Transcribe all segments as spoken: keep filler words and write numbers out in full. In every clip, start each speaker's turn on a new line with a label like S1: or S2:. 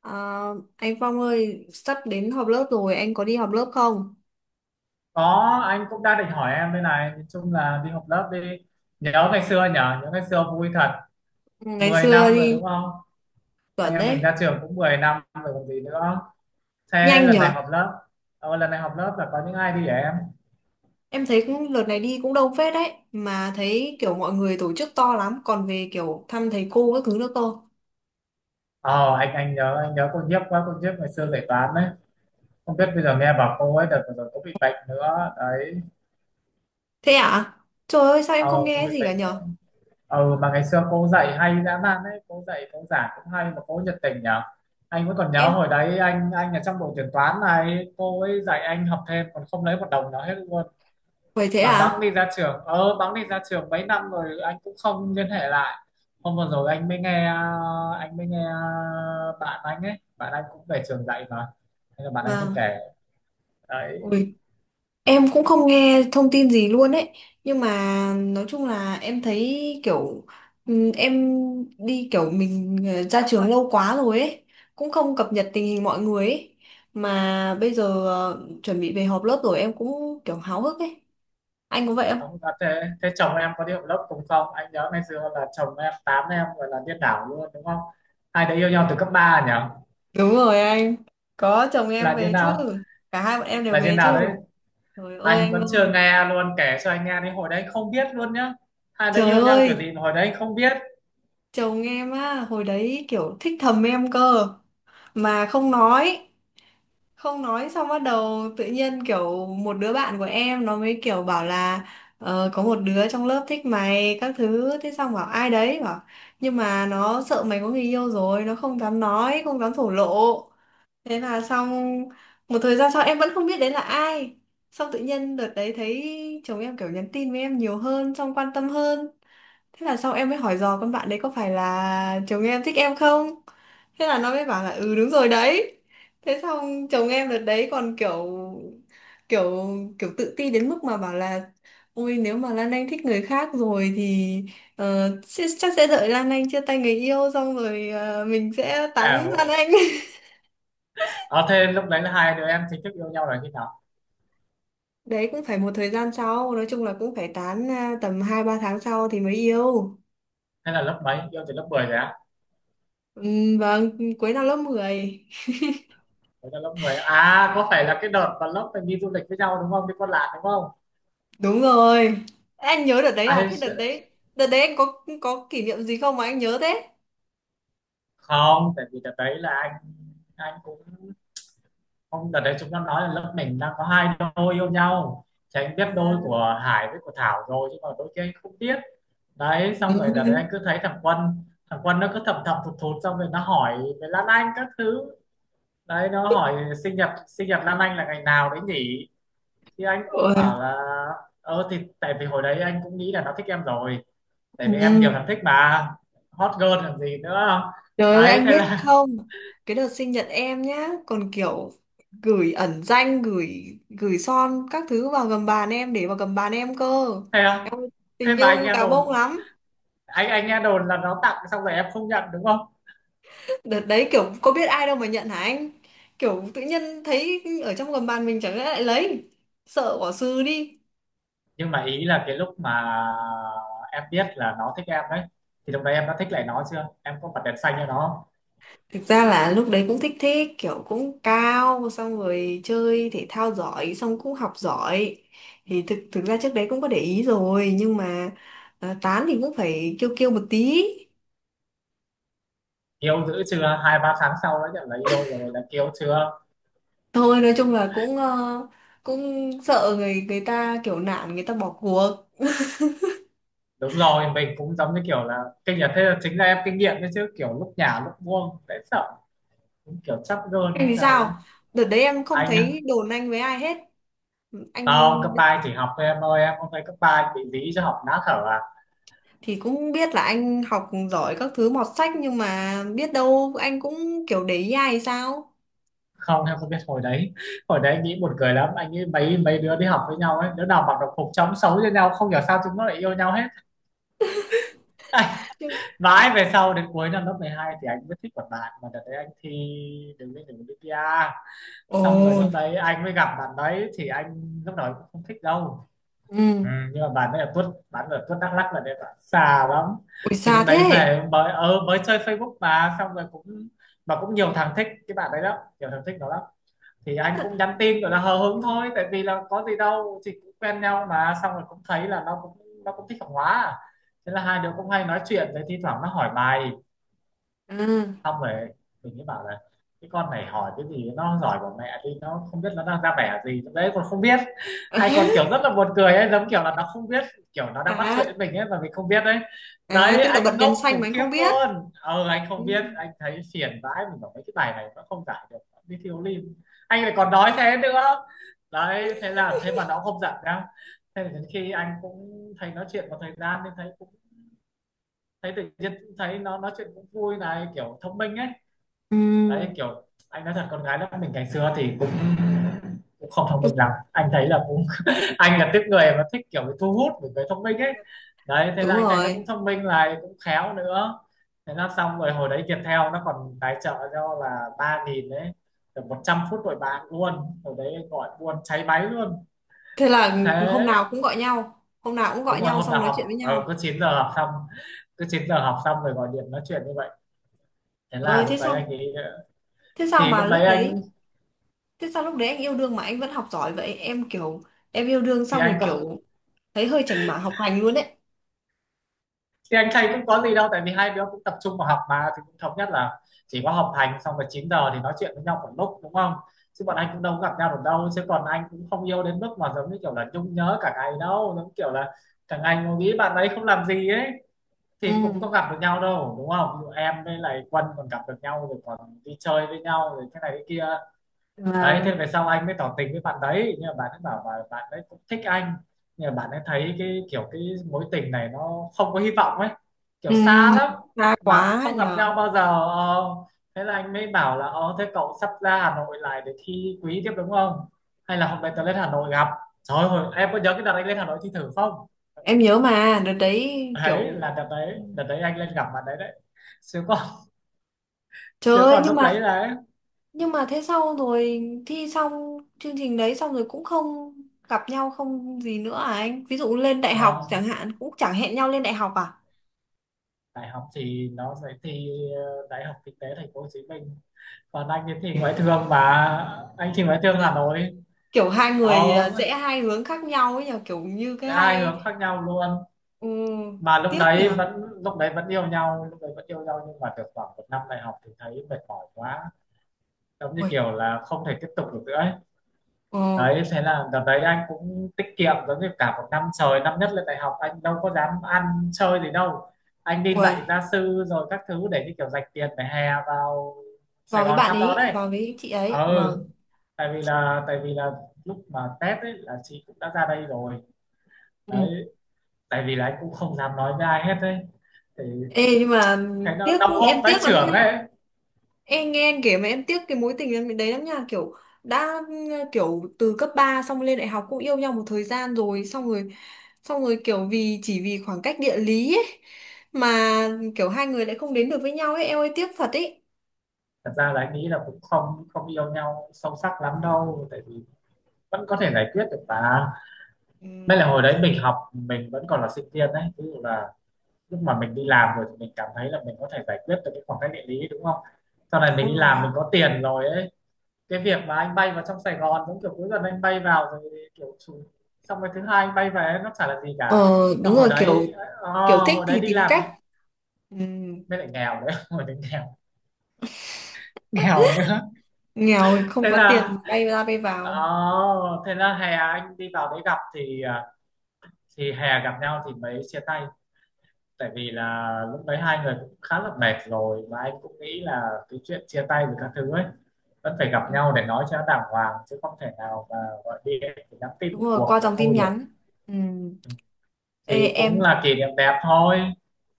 S1: Ờ, anh Phong ơi, sắp đến họp lớp rồi, anh có đi họp lớp không?
S2: Có. Anh cũng đang định hỏi em đây này, nói chung là đi học lớp đi. Nhớ ngày xưa nhở, nhớ ngày xưa vui thật.
S1: Ngày
S2: Mười
S1: xưa
S2: năm rồi
S1: đi,
S2: đúng không? Anh
S1: chuẩn
S2: em mình
S1: đấy.
S2: ra trường cũng mười năm rồi còn gì nữa. Thế
S1: Nhanh
S2: lần này
S1: nhở?
S2: họp lớp, ờ, lần này họp lớp là có những ai đi hả em?
S1: Em thấy cũng, đợt này đi cũng đông phết đấy. Mà thấy kiểu mọi người tổ chức to lắm, còn về kiểu thăm thầy cô các thứ nữa cơ.
S2: ờ anh anh nhớ anh nhớ cô Nhiếp quá, cô Nhiếp ngày xưa dạy toán đấy. Không biết bây giờ nghe bảo cô ấy đợt vừa rồi có bị bệnh nữa đấy.
S1: Thế à? Trời ơi, sao em
S2: Ờ,
S1: không
S2: có
S1: nghe
S2: bị
S1: gì cả
S2: bệnh nữa.
S1: nhở?
S2: Ừ, mà ngày xưa cô dạy hay dã man đấy, cô dạy cô giảng cũng hay mà cô nhiệt tình nhở. Anh vẫn còn nhớ
S1: Em,
S2: hồi đấy anh anh ở trong đội tuyển toán này, cô ấy dạy anh học thêm còn không lấy một đồng nào hết luôn.
S1: vậy thế
S2: Mà bẵng
S1: à?
S2: đi ra trường, ờ bẵng đi ra trường mấy năm rồi anh cũng không liên hệ lại. Hôm vừa rồi anh mới nghe, anh mới nghe bạn anh ấy bạn anh cũng về trường dạy mà, thế là bạn anh mới
S1: Vâng.
S2: kể đấy.
S1: Ui, em cũng không nghe thông tin gì luôn ấy. Nhưng mà nói chung là em thấy kiểu ừm, em đi kiểu mình ờ, ra trường lâu quá rồi ấy. Cũng không cập nhật tình hình mọi người ấy. Mà bây giờ ờ, chuẩn bị về họp lớp rồi em cũng kiểu háo hức ấy. Anh có vậy không?
S2: Ông à, thế, thế chồng em có đi học lớp cùng không? Anh nhớ ngày xưa là chồng em tám em gọi là điên đảo luôn đúng không? Hai đứa yêu nhau từ cấp ba nhỉ?
S1: Đúng rồi anh. Có chồng em
S2: Là như
S1: về chứ.
S2: nào?
S1: Cả hai bọn em đều
S2: Là như
S1: về
S2: nào đấy?
S1: chứ. Trời ơi
S2: Anh
S1: anh
S2: vẫn chưa
S1: ơi.
S2: nghe luôn, kể cho anh nghe đi, hồi đấy không biết luôn nhá. Hai đứa
S1: Trời
S2: yêu nhau kiểu
S1: ơi.
S2: gì mà hồi đấy không biết.
S1: Chồng em á. Hồi đấy kiểu thích thầm em cơ. Mà không nói không nói xong bắt đầu tự nhiên kiểu một đứa bạn của em nó mới kiểu bảo là ờ, có một đứa trong lớp thích mày các thứ, thế xong bảo ai đấy bảo nhưng mà nó sợ mày có người yêu rồi, nó không dám nói, không dám thổ lộ. Thế là xong, một thời gian sau em vẫn không biết đấy là ai. Xong tự nhiên đợt đấy thấy chồng em kiểu nhắn tin với em nhiều hơn, xong quan tâm hơn. Thế là sau em mới hỏi dò con bạn đấy có phải là chồng em thích em không? Thế là nó mới bảo là ừ đúng rồi đấy. Thế xong chồng em đợt đấy còn kiểu kiểu kiểu tự ti đến mức mà bảo là ôi nếu mà Lan Anh thích người khác rồi thì ờ, sẽ- chắc sẽ đợi Lan Anh chia tay người yêu xong rồi ờ, mình sẽ tán Lan
S2: Ảo.
S1: Anh.
S2: Ờ thế lúc đấy là hai đứa em chính thức yêu nhau là khi nào?
S1: Đấy cũng phải một thời gian sau, nói chung là cũng phải tán à, tầm hai ba tháng sau thì mới yêu.
S2: Hay là lớp mấy? Yêu từ lớp mười rồi á?
S1: Ừ, vâng, cuối năm lớp mười.
S2: Đấy là lớp mười. À, có phải là cái đợt mà lớp mình đi du lịch với nhau đúng không? Đi Con Lạn đúng không?
S1: Đúng rồi. Anh nhớ đợt đấy à?
S2: Ai
S1: Thế đợt
S2: sẽ-
S1: đấy, đợt đấy anh có có kỷ niệm gì không mà anh nhớ thế?
S2: Không, tại vì đợt đấy là anh anh cũng hôm đợt đấy chúng nó nói là lớp mình đang có hai đôi yêu nhau, thì anh biết đôi của Hải với của Thảo rồi chứ còn đôi kia anh không biết. Đấy, xong rồi đợt đấy
S1: Ừ.
S2: anh cứ thấy thằng Quân, thằng Quân nó cứ thầm thầm thụt thụt, xong rồi nó hỏi về Lan Anh các thứ. Đấy, nó hỏi sinh nhật sinh nhật Lan Anh là ngày nào đấy nhỉ, thì anh cũng
S1: Ôi.
S2: bảo là ờ, thì tại vì hồi đấy anh cũng nghĩ là nó thích em rồi, tại vì em
S1: Ừ.
S2: nhiều thằng thích mà, hot girl làm gì nữa.
S1: Trời ơi
S2: Đấy
S1: anh
S2: thế
S1: biết
S2: là,
S1: không? Cái đợt sinh nhật em nhá, còn kiểu gửi ẩn danh, gửi gửi son các thứ vào gầm bàn em, để vào gầm bàn em cơ.
S2: thế
S1: Em ơi,
S2: thế
S1: tình
S2: mà anh
S1: yêu
S2: nghe
S1: gà
S2: đồn,
S1: bông lắm.
S2: anh anh nghe đồn là nó tặng xong rồi em không nhận đúng không?
S1: Đợt đấy kiểu có biết ai đâu mà nhận hả anh? Kiểu tự nhiên thấy ở trong gầm bàn mình chẳng lẽ lại lấy. Sợ bỏ sư đi.
S2: Nhưng mà ý là cái lúc mà em biết là nó thích em đấy, thì lúc đấy em đã thích lại nó chưa, em có bật đèn xanh cho nó không?
S1: Thực ra là lúc đấy cũng thích thích, kiểu cũng cao, xong rồi chơi thể thao giỏi, xong cũng học giỏi, thì thực thực ra trước đấy cũng có để ý rồi nhưng mà ờ, tán thì cũng phải kiêu kiêu một tí.
S2: Yêu dữ chưa, hai ba tháng sau đã nhận là yêu rồi là kiêu chưa.
S1: Thôi nói chung là cũng ờ, cũng sợ người người ta kiểu nản, người ta bỏ cuộc.
S2: Đúng rồi, mình cũng giống như kiểu là kinh nghiệm, thế là chính là em kinh nghiệm đấy chứ, kiểu lúc nhả lúc buông dễ sợ, cũng kiểu chắp gơn hay
S1: Em thì
S2: sao ấy.
S1: sao, đợt đấy em không
S2: Anh á?
S1: thấy đồn anh với ai hết. Anh
S2: Không, cấp ba chỉ học thôi em ơi, em không thấy cấp ba bị dí cho học nát thở à?
S1: thì cũng biết là anh học giỏi các thứ mọt sách nhưng mà biết đâu anh cũng kiểu để ý ai hay sao.
S2: Không, em không biết hồi đấy. Hồi đấy anh nghĩ buồn cười lắm, anh nghĩ mấy mấy đứa đi học với nhau ấy, đứa nào mặc đồng phục trông xấu cho nhau, không hiểu sao chúng nó lại yêu nhau hết.
S1: Chứ-
S2: Mãi về sau đến cuối năm lớp mười hai thì anh mới thích một bạn, mà đợt đấy anh thi đường lên đường bi pi ây.
S1: Ồ.
S2: Xong rồi lúc đấy anh mới gặp bạn đấy, thì anh lúc đầu anh cũng không thích đâu.
S1: Ừ.
S2: Ừ, nhưng mà bạn đấy ở tuốt, bạn ở tuốt Đắk Lắk là đấy, bạn xa lắm.
S1: Ui
S2: Thì
S1: xa
S2: lúc đấy
S1: thế.
S2: về mới ờ, mới chơi Facebook mà, xong rồi cũng, mà cũng nhiều thằng thích cái bạn đấy lắm, nhiều thằng thích nó lắm. Thì anh cũng nhắn tin gọi là hờ hững thôi, tại vì là có gì đâu, thì cũng quen nhau mà, xong rồi cũng thấy là nó cũng nó cũng thích học hóa à. Thế là hai đứa cũng hay nói chuyện, rồi thi thoảng nó hỏi bài,
S1: Ừ. À.
S2: xong rồi mình mới bảo là cái con này hỏi cái gì, nó giỏi của mẹ đi, nó không biết nó đang ra vẻ gì trong đấy còn không biết, hay còn kiểu rất là buồn cười ấy, giống kiểu là nó không biết, kiểu nó đang bắt chuyện
S1: À,
S2: với mình ấy mà mình không biết đấy.
S1: à
S2: Đấy,
S1: tức là bật
S2: anh ngốc
S1: đèn xanh mà
S2: khủng
S1: anh
S2: khiếp
S1: không biết.
S2: luôn, ờ anh
S1: Ừ.
S2: không biết, anh thấy phiền vãi, mình bảo mấy cái bài này nó không giải được, nó đi thiếu lim, anh lại còn nói thế nữa. Đấy thế là, thế mà nó không giận đâu. Thế là đến khi anh cũng thấy nói chuyện một thời gian nên thấy cũng, thấy tự nhiên cũng thấy nó nói chuyện cũng vui này, kiểu thông minh ấy.
S1: Ừ.
S2: Đấy kiểu, anh nói thật, con gái lớp mình ngày xưa thì cũng, cũng không thông minh lắm, anh thấy là cũng anh là tiếp người mà thích kiểu bị thu hút bởi cái thông minh ấy. Đấy thế là
S1: Đúng
S2: anh thấy nó cũng
S1: rồi.
S2: thông minh lại cũng khéo nữa. Thế là xong rồi, hồi đấy Viettel nó còn tài trợ cho là ba nghìn đấy, được một trăm phút đổi bạn luôn, hồi đấy gọi buôn cháy máy luôn.
S1: Thế là
S2: Thế
S1: hôm nào cũng gọi nhau, hôm nào cũng
S2: đúng
S1: gọi
S2: rồi,
S1: nhau
S2: hôm
S1: xong
S2: nào
S1: nói chuyện với
S2: học ờ,
S1: nhau.
S2: cứ chín giờ học xong, cứ chín giờ học xong rồi gọi điện nói chuyện như vậy. Thế là
S1: Ờ
S2: lúc
S1: thế
S2: đấy
S1: sao?
S2: anh ấy,
S1: Thế sao
S2: thì
S1: mà
S2: lúc đấy
S1: lúc đấy,
S2: anh,
S1: thế sao lúc đấy anh yêu đương mà anh vẫn học giỏi vậy? Em kiểu em yêu đương
S2: thì
S1: xong rồi
S2: anh có
S1: kiểu thấy hơi chảnh mảng học hành luôn đấy.
S2: thì anh thầy cũng có gì đâu, tại vì hai đứa cũng tập trung vào học mà, thì cũng thống nhất là chỉ có học hành, xong rồi chín giờ thì nói chuyện với nhau một lúc đúng không. Chứ bọn anh cũng đâu có gặp nhau được đâu, chứ còn anh cũng không yêu đến mức mà giống như kiểu là nhung nhớ cả ngày đâu, giống kiểu là thằng anh mà nghĩ bạn ấy không làm gì ấy, thì
S1: Ừ.
S2: cũng có gặp được nhau đâu đúng không? Ví dụ em với lại Quân còn gặp được nhau rồi còn đi chơi với nhau rồi thế này thế kia. Đấy thế
S1: Mà
S2: về sau anh mới tỏ tình với bạn đấy, nhưng mà bạn ấy bảo là bạn ấy cũng thích anh, nhưng mà bạn ấy thấy cái kiểu, cái mối tình này nó không có hy vọng ấy,
S1: ừ,
S2: kiểu xa lắm,
S1: xa
S2: mà cũng
S1: quá
S2: không gặp
S1: nhờ.
S2: nhau bao giờ. Ờ, thế là anh mới bảo là ờ, thế cậu sắp ra Hà Nội lại để thi quý tiếp đúng không, hay là hôm nay tớ lên Hà Nội gặp. Trời ơi, em có nhớ cái đợt anh lên Hà Nội thi thử không?
S1: Em nhớ mà đợt đấy
S2: Đấy
S1: kiểu
S2: là đợt
S1: ừ,
S2: đấy, đợt đấy anh lên gặp bạn đấy đấy, chứ còn
S1: trời
S2: chứ
S1: ơi
S2: còn
S1: nhưng
S2: lúc đấy
S1: mà
S2: là
S1: nhưng mà thế sau rồi thi xong chương trình đấy xong rồi cũng không gặp nhau không gì nữa à anh? Ví dụ lên đại học chẳng
S2: không.
S1: hạn cũng chẳng hẹn nhau lên đại học à?
S2: Đại học thì nó sẽ thi ờ, đại học Kinh tế Thành phố Hồ Chí Minh, còn anh ấy thì ngoại thương mà, anh thì ngoại
S1: Ừ
S2: thương Hà
S1: nhở?
S2: Nội.
S1: Kiểu hai người à,
S2: Đó,
S1: rẽ hai hướng khác nhau ấy nhỉ, kiểu như cái
S2: hai
S1: hai
S2: hướng khác nhau luôn,
S1: ừ,
S2: mà lúc
S1: tiếc nhỉ.
S2: đấy vẫn lúc đấy vẫn yêu nhau lúc đấy vẫn yêu nhau nhưng mà được khoảng một năm đại học thì thấy mệt mỏi quá, giống như
S1: Ui,
S2: kiểu là không thể tiếp tục được nữa ấy.
S1: ừ,
S2: Đấy thế là đợt đấy anh cũng tiết kiệm, giống như cả một năm trời năm nhất lên đại học anh đâu có dám ăn chơi gì đâu, anh đi dạy
S1: ui,
S2: gia sư rồi các thứ để như kiểu dành tiền để hè vào
S1: vào
S2: Sài
S1: với
S2: Gòn
S1: bạn
S2: thăm nó
S1: ấy,
S2: đấy.
S1: vào với chị ấy. Vâng.
S2: Ừ, tại vì là tại vì là lúc mà test ấy là chị cũng đã ra đây rồi.
S1: Ừ.
S2: Đấy, tại vì là anh cũng không dám nói với ai hết đấy, thì
S1: Ê nhưng mà
S2: thấy nó
S1: tiếc,
S2: đau hốp
S1: em
S2: vãi
S1: tiếc lắm
S2: chưởng
S1: nha.
S2: ấy.
S1: Em nghe anh kể mà em tiếc cái mối tình em đấy lắm nha, kiểu đã ừ, kiểu từ cấp ba xong lên đại học cũng yêu nhau một thời gian rồi, xong rồi xong rồi kiểu vì chỉ vì khoảng cách địa lý ấy, mà kiểu hai người lại không đến được với nhau ấy, em ơi tiếc thật ấy.
S2: Thật ra là anh nghĩ là cũng không, không yêu nhau sâu sắc lắm đâu, tại vì vẫn có thể giải quyết được mà,
S1: Ừ,
S2: mới là hồi đấy mình học mình vẫn còn là sinh viên đấy, ví dụ là lúc mà mình đi làm rồi thì mình cảm thấy là mình có thể giải quyết được cái khoảng cách địa lý đúng không. Sau này
S1: đúng
S2: mình đi
S1: rồi.
S2: làm mình có tiền rồi ấy, cái việc mà anh bay vào trong Sài Gòn giống kiểu cuối tuần anh bay vào, rồi kiểu chủ, xong cái thứ hai anh bay về, nó chả là gì cả.
S1: Ờ
S2: Nhưng
S1: đúng rồi
S2: hồi đấy
S1: kiểu
S2: ờ,
S1: kiểu thích
S2: hồi đấy
S1: thì
S2: đi
S1: tìm
S2: làm
S1: cách. Ừ,
S2: mới lại nghèo đấy hồi đấy nghèo, nghèo nữa.
S1: nghèo thì không
S2: Thế
S1: có
S2: là
S1: tiền bay ra bay
S2: ờ,
S1: vào.
S2: thế là hè anh đi vào đấy gặp thì à, thì hè gặp nhau thì mới chia tay. Tại vì là lúc đấy hai người cũng khá là mệt rồi, mà anh cũng nghĩ là cái chuyện chia tay với các thứ ấy vẫn phải gặp
S1: Ừ.
S2: nhau để nói cho nó đàng hoàng, chứ không thể nào mà gọi điện thì nhắn tin
S1: Đúng
S2: một
S1: rồi
S2: cuộc
S1: qua
S2: là
S1: dòng tin
S2: thôi được.
S1: nhắn. Ừ.
S2: Ừ.
S1: Ê,
S2: Thì
S1: em
S2: cũng là kỷ niệm đẹp thôi,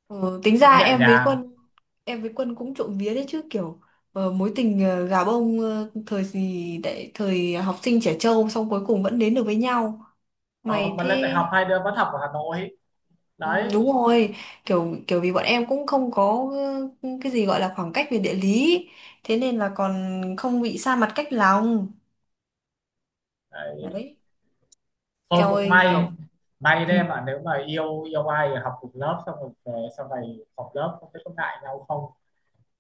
S1: ừ, tính
S2: cũng
S1: ra
S2: nhẹ
S1: em với
S2: nhàng.
S1: Quân, em với Quân cũng trộm vía đấy chứ kiểu ờ, mối tình ờ, gà bông ờ, thời gì đấy, thời học sinh trẻ trâu xong cuối cùng vẫn đến được với nhau
S2: Ờ,
S1: mày
S2: mà
S1: thế.
S2: lên đại học hai đứa vẫn học ở Hà Nội
S1: Ừ,
S2: đấy,
S1: đúng rồi, kiểu kiểu vì bọn em cũng không có ờ, cái gì gọi là khoảng cách về địa lý, thế nên là còn không bị xa mặt cách lòng.
S2: đấy.
S1: Đấy.
S2: Thôi
S1: Eo
S2: cũng
S1: ơi
S2: may,
S1: kiểu
S2: may
S1: ừ,
S2: đấy, mà nếu mà yêu yêu ai thì học cùng lớp xong rồi về sau này học lớp không biết có ngại nhau không,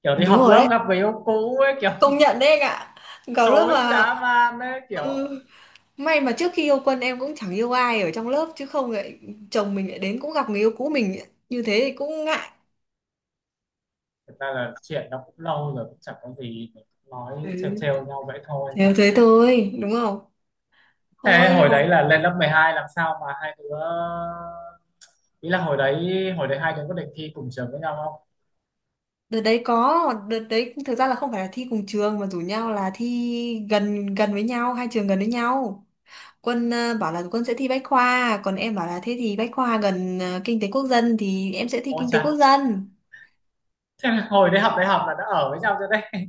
S2: kiểu đi
S1: đúng
S2: học
S1: rồi đấy,
S2: lớp gặp người yêu cũ ấy kiểu
S1: công nhận đấy anh ạ. Có lúc
S2: tối
S1: mà
S2: dã man đấy kiểu.
S1: ừ, may mà trước khi yêu Quân em cũng chẳng yêu ai ở trong lớp chứ không lại chồng mình lại đến cũng gặp người yêu cũ mình như thế thì cũng ngại.
S2: Thực ra là chuyện nó cũng lâu rồi cũng chẳng có gì, mình cũng
S1: Ừ,
S2: nói trêu trêu nhau vậy thôi.
S1: theo thế thôi, đúng không?
S2: Thế
S1: Thôi nhưng
S2: hồi
S1: mà
S2: đấy là lên lớp mười hai làm sao mà hai đứa, ý là hồi đấy hồi đấy hai đứa có định thi cùng trường với nhau không?
S1: đợt đấy có, đợt đấy thực ra là không phải là thi cùng trường mà rủ nhau là thi gần gần với nhau, hai trường gần với nhau. Quân ờ, bảo là Quân sẽ thi Bách khoa, còn em bảo là thế thì Bách khoa gần ờ, Kinh tế Quốc dân thì em sẽ thi
S2: Ôi
S1: Kinh tế Quốc
S2: chà,
S1: dân.
S2: thế là hồi đấy học đại học là đã ở với nhau rồi đấy.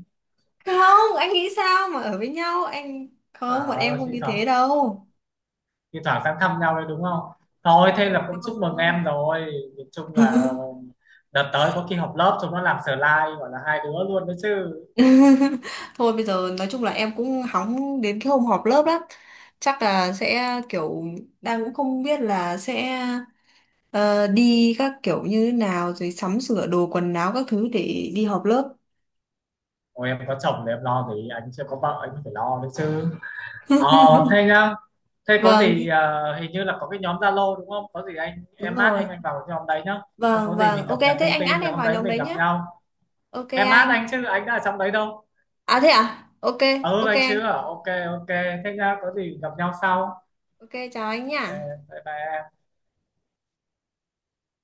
S1: Không, anh nghĩ sao mà ở với nhau, anh không, bọn
S2: À,
S1: em không
S2: thi
S1: như
S2: thoảng,
S1: thế đâu.
S2: thi thoảng sang thăm nhau đấy đúng không? Thôi thế là
S1: Làm
S2: cũng
S1: nhau
S2: chúc mừng
S1: thôi.
S2: em rồi. Nhìn chung là đợt tới có khi họp lớp chúng nó làm slide gọi là hai đứa luôn đấy chứ.
S1: Thôi bây giờ nói chung là em cũng hóng đến cái hôm họp lớp lắm. Chắc là sẽ kiểu đang cũng không biết là sẽ ờ, đi các kiểu như thế nào rồi sắm sửa đồ quần áo các thứ để đi họp lớp.
S2: Ôi em có chồng thì em lo gì, anh chưa có vợ anh phải lo đấy chứ. Ờ thế nhá, thế có
S1: Vâng,
S2: gì ờ, hình như là có cái nhóm Zalo đúng không? Có gì anh
S1: đúng
S2: em mát
S1: rồi.
S2: anh anh vào cái nhóm đấy nhá. Xong có
S1: Vâng,
S2: gì mình
S1: vâng.
S2: cập
S1: Ok,
S2: nhật
S1: thế
S2: thông
S1: anh
S2: tin
S1: add
S2: rồi
S1: em
S2: hôm
S1: vào
S2: đấy
S1: nhóm
S2: mình
S1: đấy
S2: gặp
S1: nhá.
S2: nhau.
S1: Ok
S2: Em mát
S1: anh.
S2: anh chứ anh đã ở trong đấy đâu.
S1: À thế à? Ok,
S2: Ừ,
S1: ok
S2: anh Sứ
S1: anh.
S2: à, ok. Ok, thế nhá, có gì gặp nhau sau.
S1: Ok, chào anh
S2: Ờ,
S1: nhá.
S2: bye bye em.